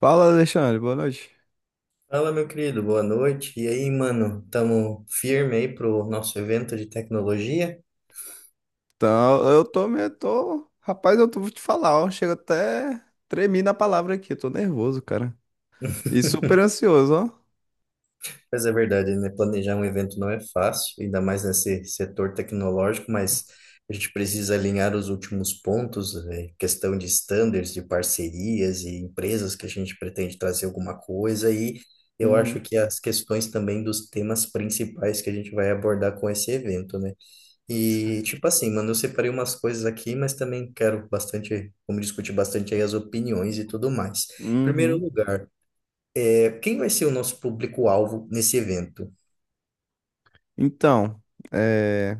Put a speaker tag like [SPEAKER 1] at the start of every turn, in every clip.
[SPEAKER 1] Fala, Alexandre, boa noite.
[SPEAKER 2] Fala, meu querido, boa noite. E aí, mano, tamo firme aí pro nosso evento de tecnologia?
[SPEAKER 1] Então, eu tô, rapaz, vou te falar, ó, chega até tremi na palavra aqui, eu tô nervoso, cara. E super ansioso, ó.
[SPEAKER 2] Mas é verdade, né? Planejar um evento não é fácil, ainda mais nesse setor tecnológico, mas a gente precisa alinhar os últimos pontos, né? Questão de standards, de parcerias e empresas que a gente pretende trazer alguma coisa. E eu acho
[SPEAKER 1] Uhum,
[SPEAKER 2] que as questões também dos temas principais que a gente vai abordar com esse evento, né? E, tipo assim, mano, eu separei umas coisas aqui, mas também quero bastante, vamos discutir bastante aí as opiniões e tudo mais. Em primeiro
[SPEAKER 1] uhum.
[SPEAKER 2] lugar, quem vai ser o nosso público-alvo nesse evento?
[SPEAKER 1] Então, é,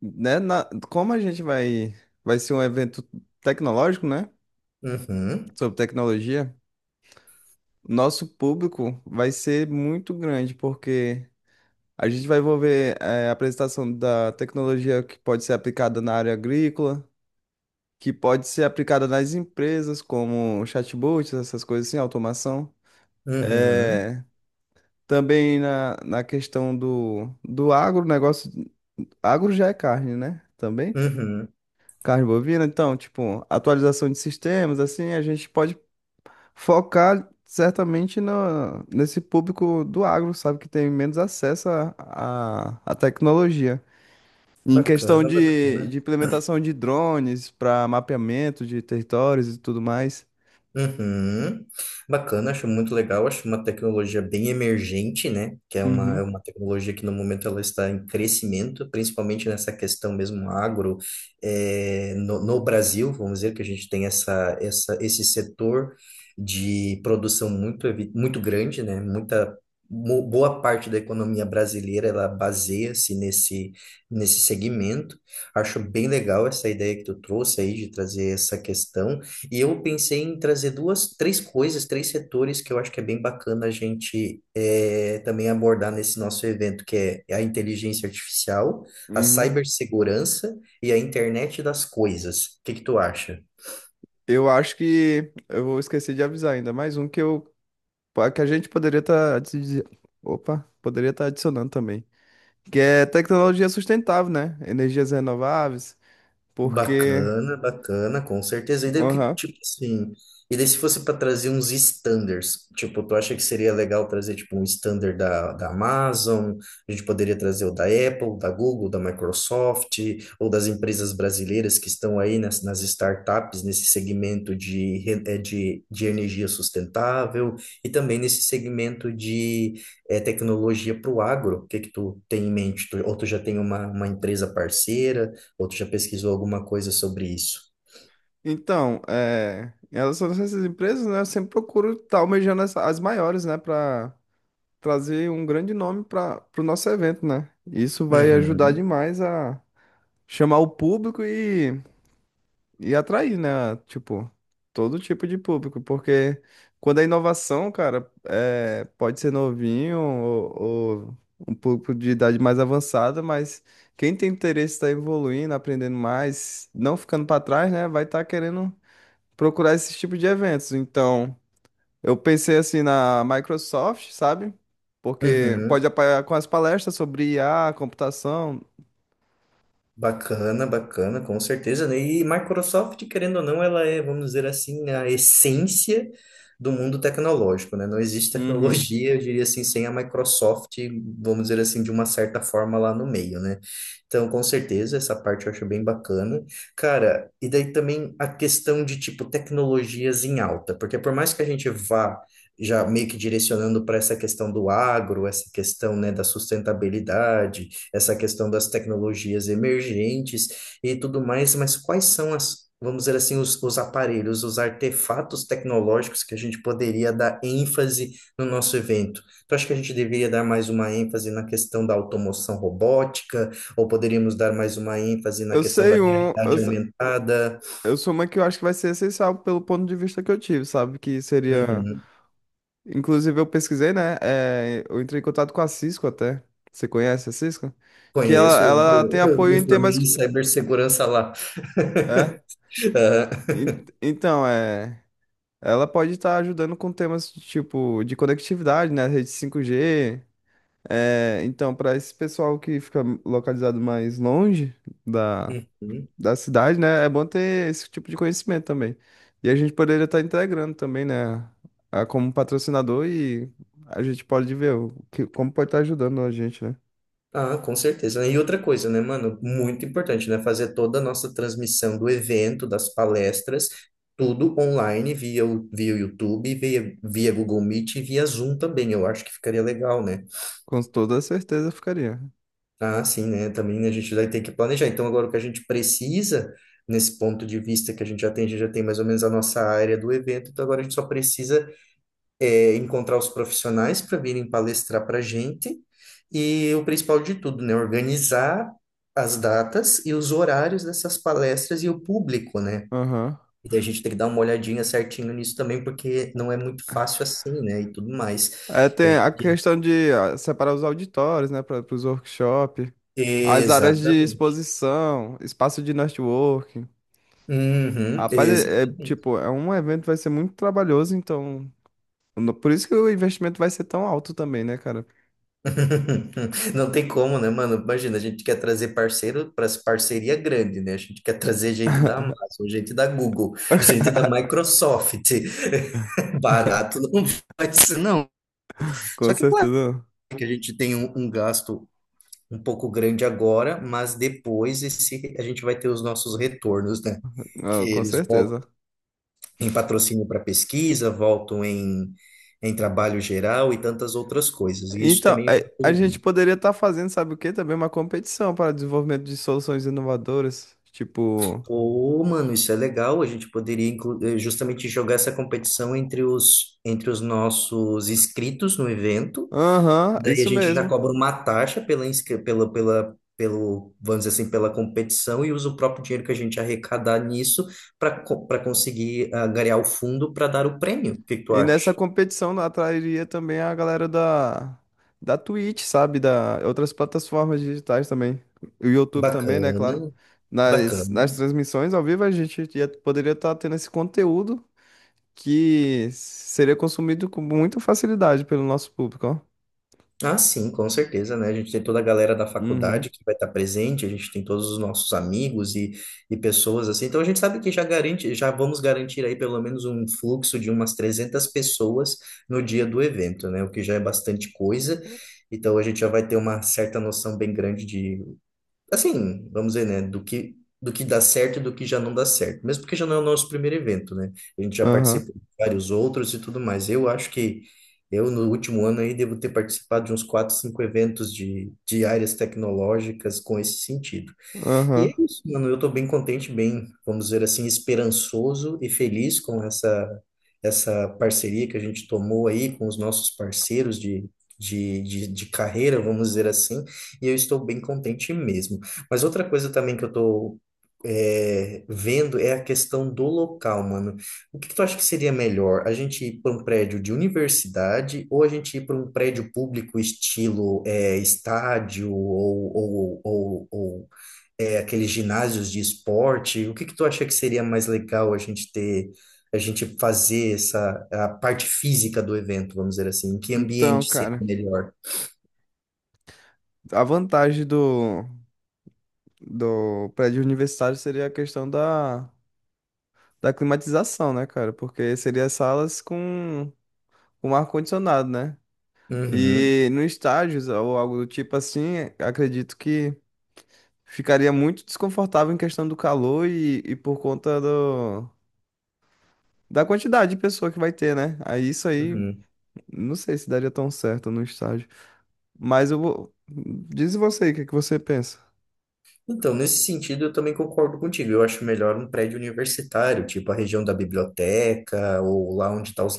[SPEAKER 1] como a gente vai ser um evento tecnológico, né,
[SPEAKER 2] Uhum,
[SPEAKER 1] sobre tecnologia, nosso público vai ser muito grande, porque a gente vai envolver, é, a apresentação da tecnologia que pode ser aplicada na área agrícola, que pode ser aplicada nas empresas, como chatbots, essas coisas assim, automação.
[SPEAKER 2] uhum,
[SPEAKER 1] É, também na questão do agro, negócio. Agro já é carne, né? Também.
[SPEAKER 2] uhum.
[SPEAKER 1] Carne bovina. Então, tipo, atualização de sistemas, assim, a gente pode focar certamente no, nesse público do agro, sabe? Que tem menos acesso à tecnologia. Em questão
[SPEAKER 2] Bacana, bacana.
[SPEAKER 1] de implementação de drones para mapeamento de territórios e tudo mais.
[SPEAKER 2] Uhum. Bacana, acho muito legal, acho uma tecnologia bem emergente, né? Que é
[SPEAKER 1] Uhum,
[SPEAKER 2] uma tecnologia que no momento ela está em crescimento, principalmente nessa questão mesmo agro, no, no Brasil, vamos dizer que a gente tem essa, essa, esse setor de produção muito, muito grande, né? Muita, boa parte da economia brasileira ela baseia-se nesse, nesse segmento. Acho bem legal essa ideia que tu trouxe aí de trazer essa questão. E eu pensei em trazer duas, três coisas, três setores que eu acho que é bem bacana a gente também abordar nesse nosso evento, que é é a inteligência artificial, a
[SPEAKER 1] uhum.
[SPEAKER 2] cibersegurança e a internet das coisas. O que que tu acha?
[SPEAKER 1] Eu acho que eu vou esquecer de avisar ainda mais um que a gente poderia estar opa, poderia estar adicionando também, que é tecnologia sustentável, né? Energias renováveis, porque
[SPEAKER 2] Bacana, bacana, com certeza. E daí o que,
[SPEAKER 1] aham.
[SPEAKER 2] tipo assim, e daí se fosse para trazer uns standards, tipo, tu acha que seria legal trazer tipo um standard da, da Amazon, a gente poderia trazer o da Apple, da Google, da Microsoft, ou das empresas brasileiras que estão aí nas, nas startups, nesse segmento de, de energia sustentável e também nesse segmento de tecnologia para o agro. O que que tu tem em mente? Tu- ou tu já tem uma empresa parceira? Ou tu já pesquisou alguma coisa sobre isso?
[SPEAKER 1] Então, é, em relação a essas empresas, né, eu sempre procuro estar almejando as maiores, né, para trazer um grande nome para o nosso evento, né? Isso vai ajudar
[SPEAKER 2] Uhum,
[SPEAKER 1] demais a chamar o público e atrair, né? Tipo, todo tipo de público, porque quando é inovação, cara, é, pode ser novinho ou um público de idade mais avançada, mas quem tem interesse em estar evoluindo, aprendendo mais, não ficando para trás, né, vai estar querendo procurar esse tipo de eventos. Então, eu pensei assim na Microsoft, sabe? Porque
[SPEAKER 2] uhum.
[SPEAKER 1] pode apoiar com as palestras sobre I a computação.
[SPEAKER 2] Bacana, bacana, com certeza, né? E Microsoft, querendo ou não, ela é, vamos dizer assim, a essência do mundo tecnológico, né? Não existe
[SPEAKER 1] Uhum.
[SPEAKER 2] tecnologia, eu diria assim, sem a Microsoft, vamos dizer assim, de uma certa forma lá no meio, né? Então, com certeza, essa parte eu acho bem bacana. Cara, e daí também a questão de, tipo, tecnologias em alta, porque por mais que a gente vá já meio que direcionando para essa questão do agro, essa questão, né, da sustentabilidade, essa questão das tecnologias emergentes e tudo mais, mas quais são as, vamos dizer assim, os aparelhos, os artefatos tecnológicos que a gente poderia dar ênfase no nosso evento? Tu acha que a gente deveria dar mais uma ênfase na questão da automação robótica, ou poderíamos dar mais uma ênfase na
[SPEAKER 1] Eu
[SPEAKER 2] questão da
[SPEAKER 1] sei um.
[SPEAKER 2] realidade aumentada?
[SPEAKER 1] Eu sou uma que eu acho que vai ser essencial pelo ponto de vista que eu tive, sabe? Que seria.
[SPEAKER 2] Uhum.
[SPEAKER 1] Inclusive, eu pesquisei, né? É, eu entrei em contato com a Cisco até. Você conhece a Cisco? Que
[SPEAKER 2] Conheço,
[SPEAKER 1] ela tem
[SPEAKER 2] eu
[SPEAKER 1] apoio
[SPEAKER 2] me
[SPEAKER 1] em
[SPEAKER 2] formei
[SPEAKER 1] temas.
[SPEAKER 2] em cibersegurança lá.
[SPEAKER 1] É.
[SPEAKER 2] Ah,
[SPEAKER 1] En- Então, é. Ela pode estar ajudando com temas de tipo de conectividade, né? Rede 5G. É, então, para esse pessoal que fica localizado mais longe da,
[SPEAKER 2] uhum.
[SPEAKER 1] da cidade, né? É bom ter esse tipo de conhecimento também. E a gente poderia estar integrando também, né? Como patrocinador e a gente pode ver o que, como pode estar ajudando a gente, né?
[SPEAKER 2] Ah, com certeza. E outra coisa, né, mano? Muito importante, né? Fazer toda a nossa transmissão do evento, das palestras, tudo online, via o YouTube, via Google Meet e via Zoom também. Eu acho que ficaria legal, né?
[SPEAKER 1] Com toda certeza ficaria.
[SPEAKER 2] Ah, sim, né? Também a gente vai ter que planejar. Então, agora o que a gente precisa, nesse ponto de vista que a gente já tem, a gente já tem mais ou menos a nossa área do evento, então agora a gente só precisa encontrar os profissionais para virem palestrar para a gente e o principal de tudo, né, organizar as datas e os horários dessas palestras e o público, né?
[SPEAKER 1] Aham.
[SPEAKER 2] E daí a gente tem que dar uma olhadinha certinho nisso também, porque não é muito fácil assim, né? E tudo mais.
[SPEAKER 1] É,
[SPEAKER 2] A
[SPEAKER 1] tem a
[SPEAKER 2] gente-
[SPEAKER 1] questão de ah, separar os auditórios, né, para os workshops, as áreas de
[SPEAKER 2] Exatamente.
[SPEAKER 1] exposição, espaço de networking.
[SPEAKER 2] Uhum,
[SPEAKER 1] Rapaz,
[SPEAKER 2] exatamente.
[SPEAKER 1] tipo, é um evento que vai ser muito trabalhoso, então, por isso que o investimento vai ser tão alto também, né, cara?
[SPEAKER 2] Não tem como, né, mano? Imagina, a gente quer trazer parceiro para parceria grande, né? A gente quer trazer gente da Amazon, gente da Google, gente da Microsoft. Barato não vai ser, não. Só
[SPEAKER 1] Com
[SPEAKER 2] que, claro,
[SPEAKER 1] certeza.
[SPEAKER 2] que a gente tem um, um gasto um pouco grande agora, mas depois esse, a gente vai ter os nossos retornos, né? Que
[SPEAKER 1] Ah, com
[SPEAKER 2] eles voltam
[SPEAKER 1] certeza.
[SPEAKER 2] em patrocínio para pesquisa, voltam em, em trabalho geral e tantas outras coisas. E isso
[SPEAKER 1] Então,
[SPEAKER 2] também é
[SPEAKER 1] é,
[SPEAKER 2] muito
[SPEAKER 1] a
[SPEAKER 2] legal.
[SPEAKER 1] gente poderia estar fazendo, sabe o quê? Também uma competição para desenvolvimento de soluções inovadoras. Tipo,
[SPEAKER 2] Pô, mano, isso é legal. A gente poderia justamente jogar essa competição entre os nossos inscritos no evento.
[SPEAKER 1] aham,
[SPEAKER 2] Daí a
[SPEAKER 1] isso
[SPEAKER 2] gente já
[SPEAKER 1] mesmo.
[SPEAKER 2] cobra uma taxa pela, pela, pela, pelo, vamos dizer assim, pela competição e usa o próprio dinheiro que a gente arrecadar nisso para para conseguir angariar o fundo para dar o prêmio. O que que tu
[SPEAKER 1] E
[SPEAKER 2] acha?
[SPEAKER 1] nessa competição atrairia também a galera da Twitch, sabe? Da outras plataformas digitais também. O YouTube também, né?
[SPEAKER 2] Bacana,
[SPEAKER 1] Claro.
[SPEAKER 2] bacana.
[SPEAKER 1] Nas transmissões ao vivo, poderia estar tendo esse conteúdo que seria consumido com muita facilidade pelo nosso público, ó.
[SPEAKER 2] Ah, sim, com certeza, né? A gente tem toda a galera da
[SPEAKER 1] Uhum.
[SPEAKER 2] faculdade que vai estar presente, a gente tem todos os nossos amigos e pessoas assim. Então a gente sabe que já garante, já vamos garantir aí pelo menos um fluxo de umas 300 pessoas no dia do evento, né? O que já é bastante coisa. Então a gente já vai ter uma certa noção bem grande de assim, vamos dizer, né, do que dá certo e do que já não dá certo. Mesmo porque já não é o nosso primeiro evento, né? A gente já
[SPEAKER 1] Aham,
[SPEAKER 2] participou de vários outros e tudo mais. Eu acho que eu, no último ano aí, devo ter participado de uns quatro, cinco eventos de áreas tecnológicas com esse sentido. E
[SPEAKER 1] aham.
[SPEAKER 2] é isso, mano. Eu tô bem contente, bem, vamos dizer assim, esperançoso e feliz com essa parceria que a gente tomou aí com os nossos parceiros de, de carreira, vamos dizer assim, e eu estou bem contente mesmo. Mas outra coisa também que eu tô vendo é a questão do local, mano. O que que tu acha que seria melhor? A gente ir para um prédio de universidade ou a gente ir para um prédio público estilo estádio ou aqueles ginásios de esporte? O que que tu acha que seria mais legal a gente ter, a gente fazer essa a parte física do evento, vamos dizer assim? Em que
[SPEAKER 1] Então,
[SPEAKER 2] ambiente seria
[SPEAKER 1] cara,
[SPEAKER 2] melhor?
[SPEAKER 1] a vantagem do prédio universitário seria a questão da climatização, né, cara? Porque seria salas com ar-condicionado, né?
[SPEAKER 2] Uhum,
[SPEAKER 1] E no estágios ou algo do tipo assim, acredito que ficaria muito desconfortável em questão do calor e por conta da quantidade de pessoa que vai ter, né? Aí isso aí,
[SPEAKER 2] uhum.
[SPEAKER 1] não sei se daria tão certo no estágio. Mas eu vou. Diz você aí, o que é que você pensa?
[SPEAKER 2] Então, nesse sentido, eu também concordo contigo. Eu acho melhor um prédio universitário, tipo a região da biblioteca ou lá onde estão os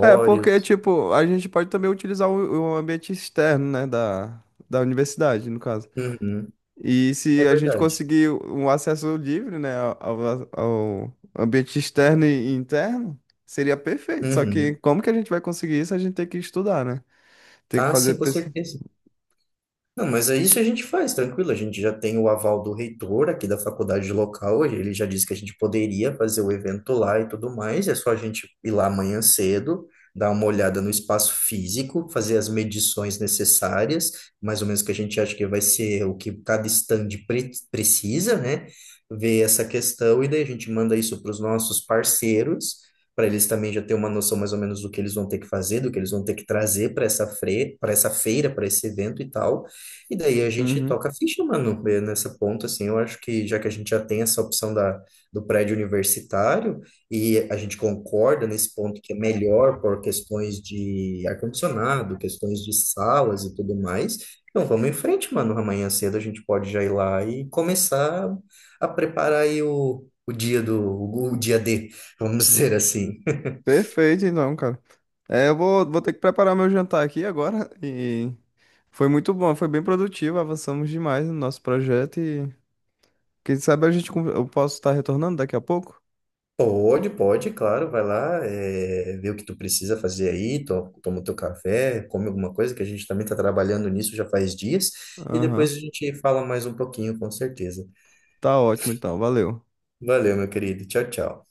[SPEAKER 1] É, porque, tipo, a gente pode também utilizar o ambiente externo, né, da universidade, no caso.
[SPEAKER 2] Uhum,
[SPEAKER 1] E se
[SPEAKER 2] é
[SPEAKER 1] a gente
[SPEAKER 2] verdade.
[SPEAKER 1] conseguir um acesso livre, né, ao, ao ambiente externo e interno, seria perfeito. Só que
[SPEAKER 2] Uhum.
[SPEAKER 1] como que a gente vai conseguir isso? A gente tem que estudar, né? Tem que
[SPEAKER 2] Ah,
[SPEAKER 1] fazer
[SPEAKER 2] sim, com
[SPEAKER 1] pesquisa.
[SPEAKER 2] certeza. Não, mas é isso a gente faz, tranquilo. A gente já tem o aval do reitor aqui da faculdade local, ele já disse que a gente poderia fazer o evento lá e tudo mais. É só a gente ir lá amanhã cedo, dar uma olhada no espaço físico, fazer as medições necessárias, mais ou menos que a gente acha que vai ser o que cada stand precisa, né? Ver essa questão e daí a gente manda isso para os nossos parceiros, para eles também já ter uma noção mais ou menos do que eles vão ter que fazer, do que eles vão ter que trazer para essa fre, para essa feira, para esse evento e tal. E daí a gente
[SPEAKER 1] Uhum.
[SPEAKER 2] toca a ficha, mano, nessa ponta, assim, eu acho que já que a gente já tem essa opção da, do prédio universitário e a gente concorda nesse ponto que é melhor por questões de ar-condicionado, questões de salas e tudo mais, então vamos em frente, mano, amanhã cedo a gente pode já ir lá e começar a preparar aí o dia do, o dia D, vamos dizer assim.
[SPEAKER 1] Perfeito, então, cara. É, vou ter que preparar meu jantar aqui agora e foi muito bom, foi bem produtivo, avançamos demais no nosso projeto e quem sabe eu posso estar retornando daqui a pouco.
[SPEAKER 2] Pode, pode, claro, vai lá, vê o que tu precisa fazer aí, toma o teu café, come alguma coisa, que a gente também está trabalhando nisso já faz dias, e depois
[SPEAKER 1] Aham.
[SPEAKER 2] a gente fala mais um pouquinho, com certeza.
[SPEAKER 1] Tá ótimo então, valeu.
[SPEAKER 2] Valeu, meu querido. Tchau, tchau.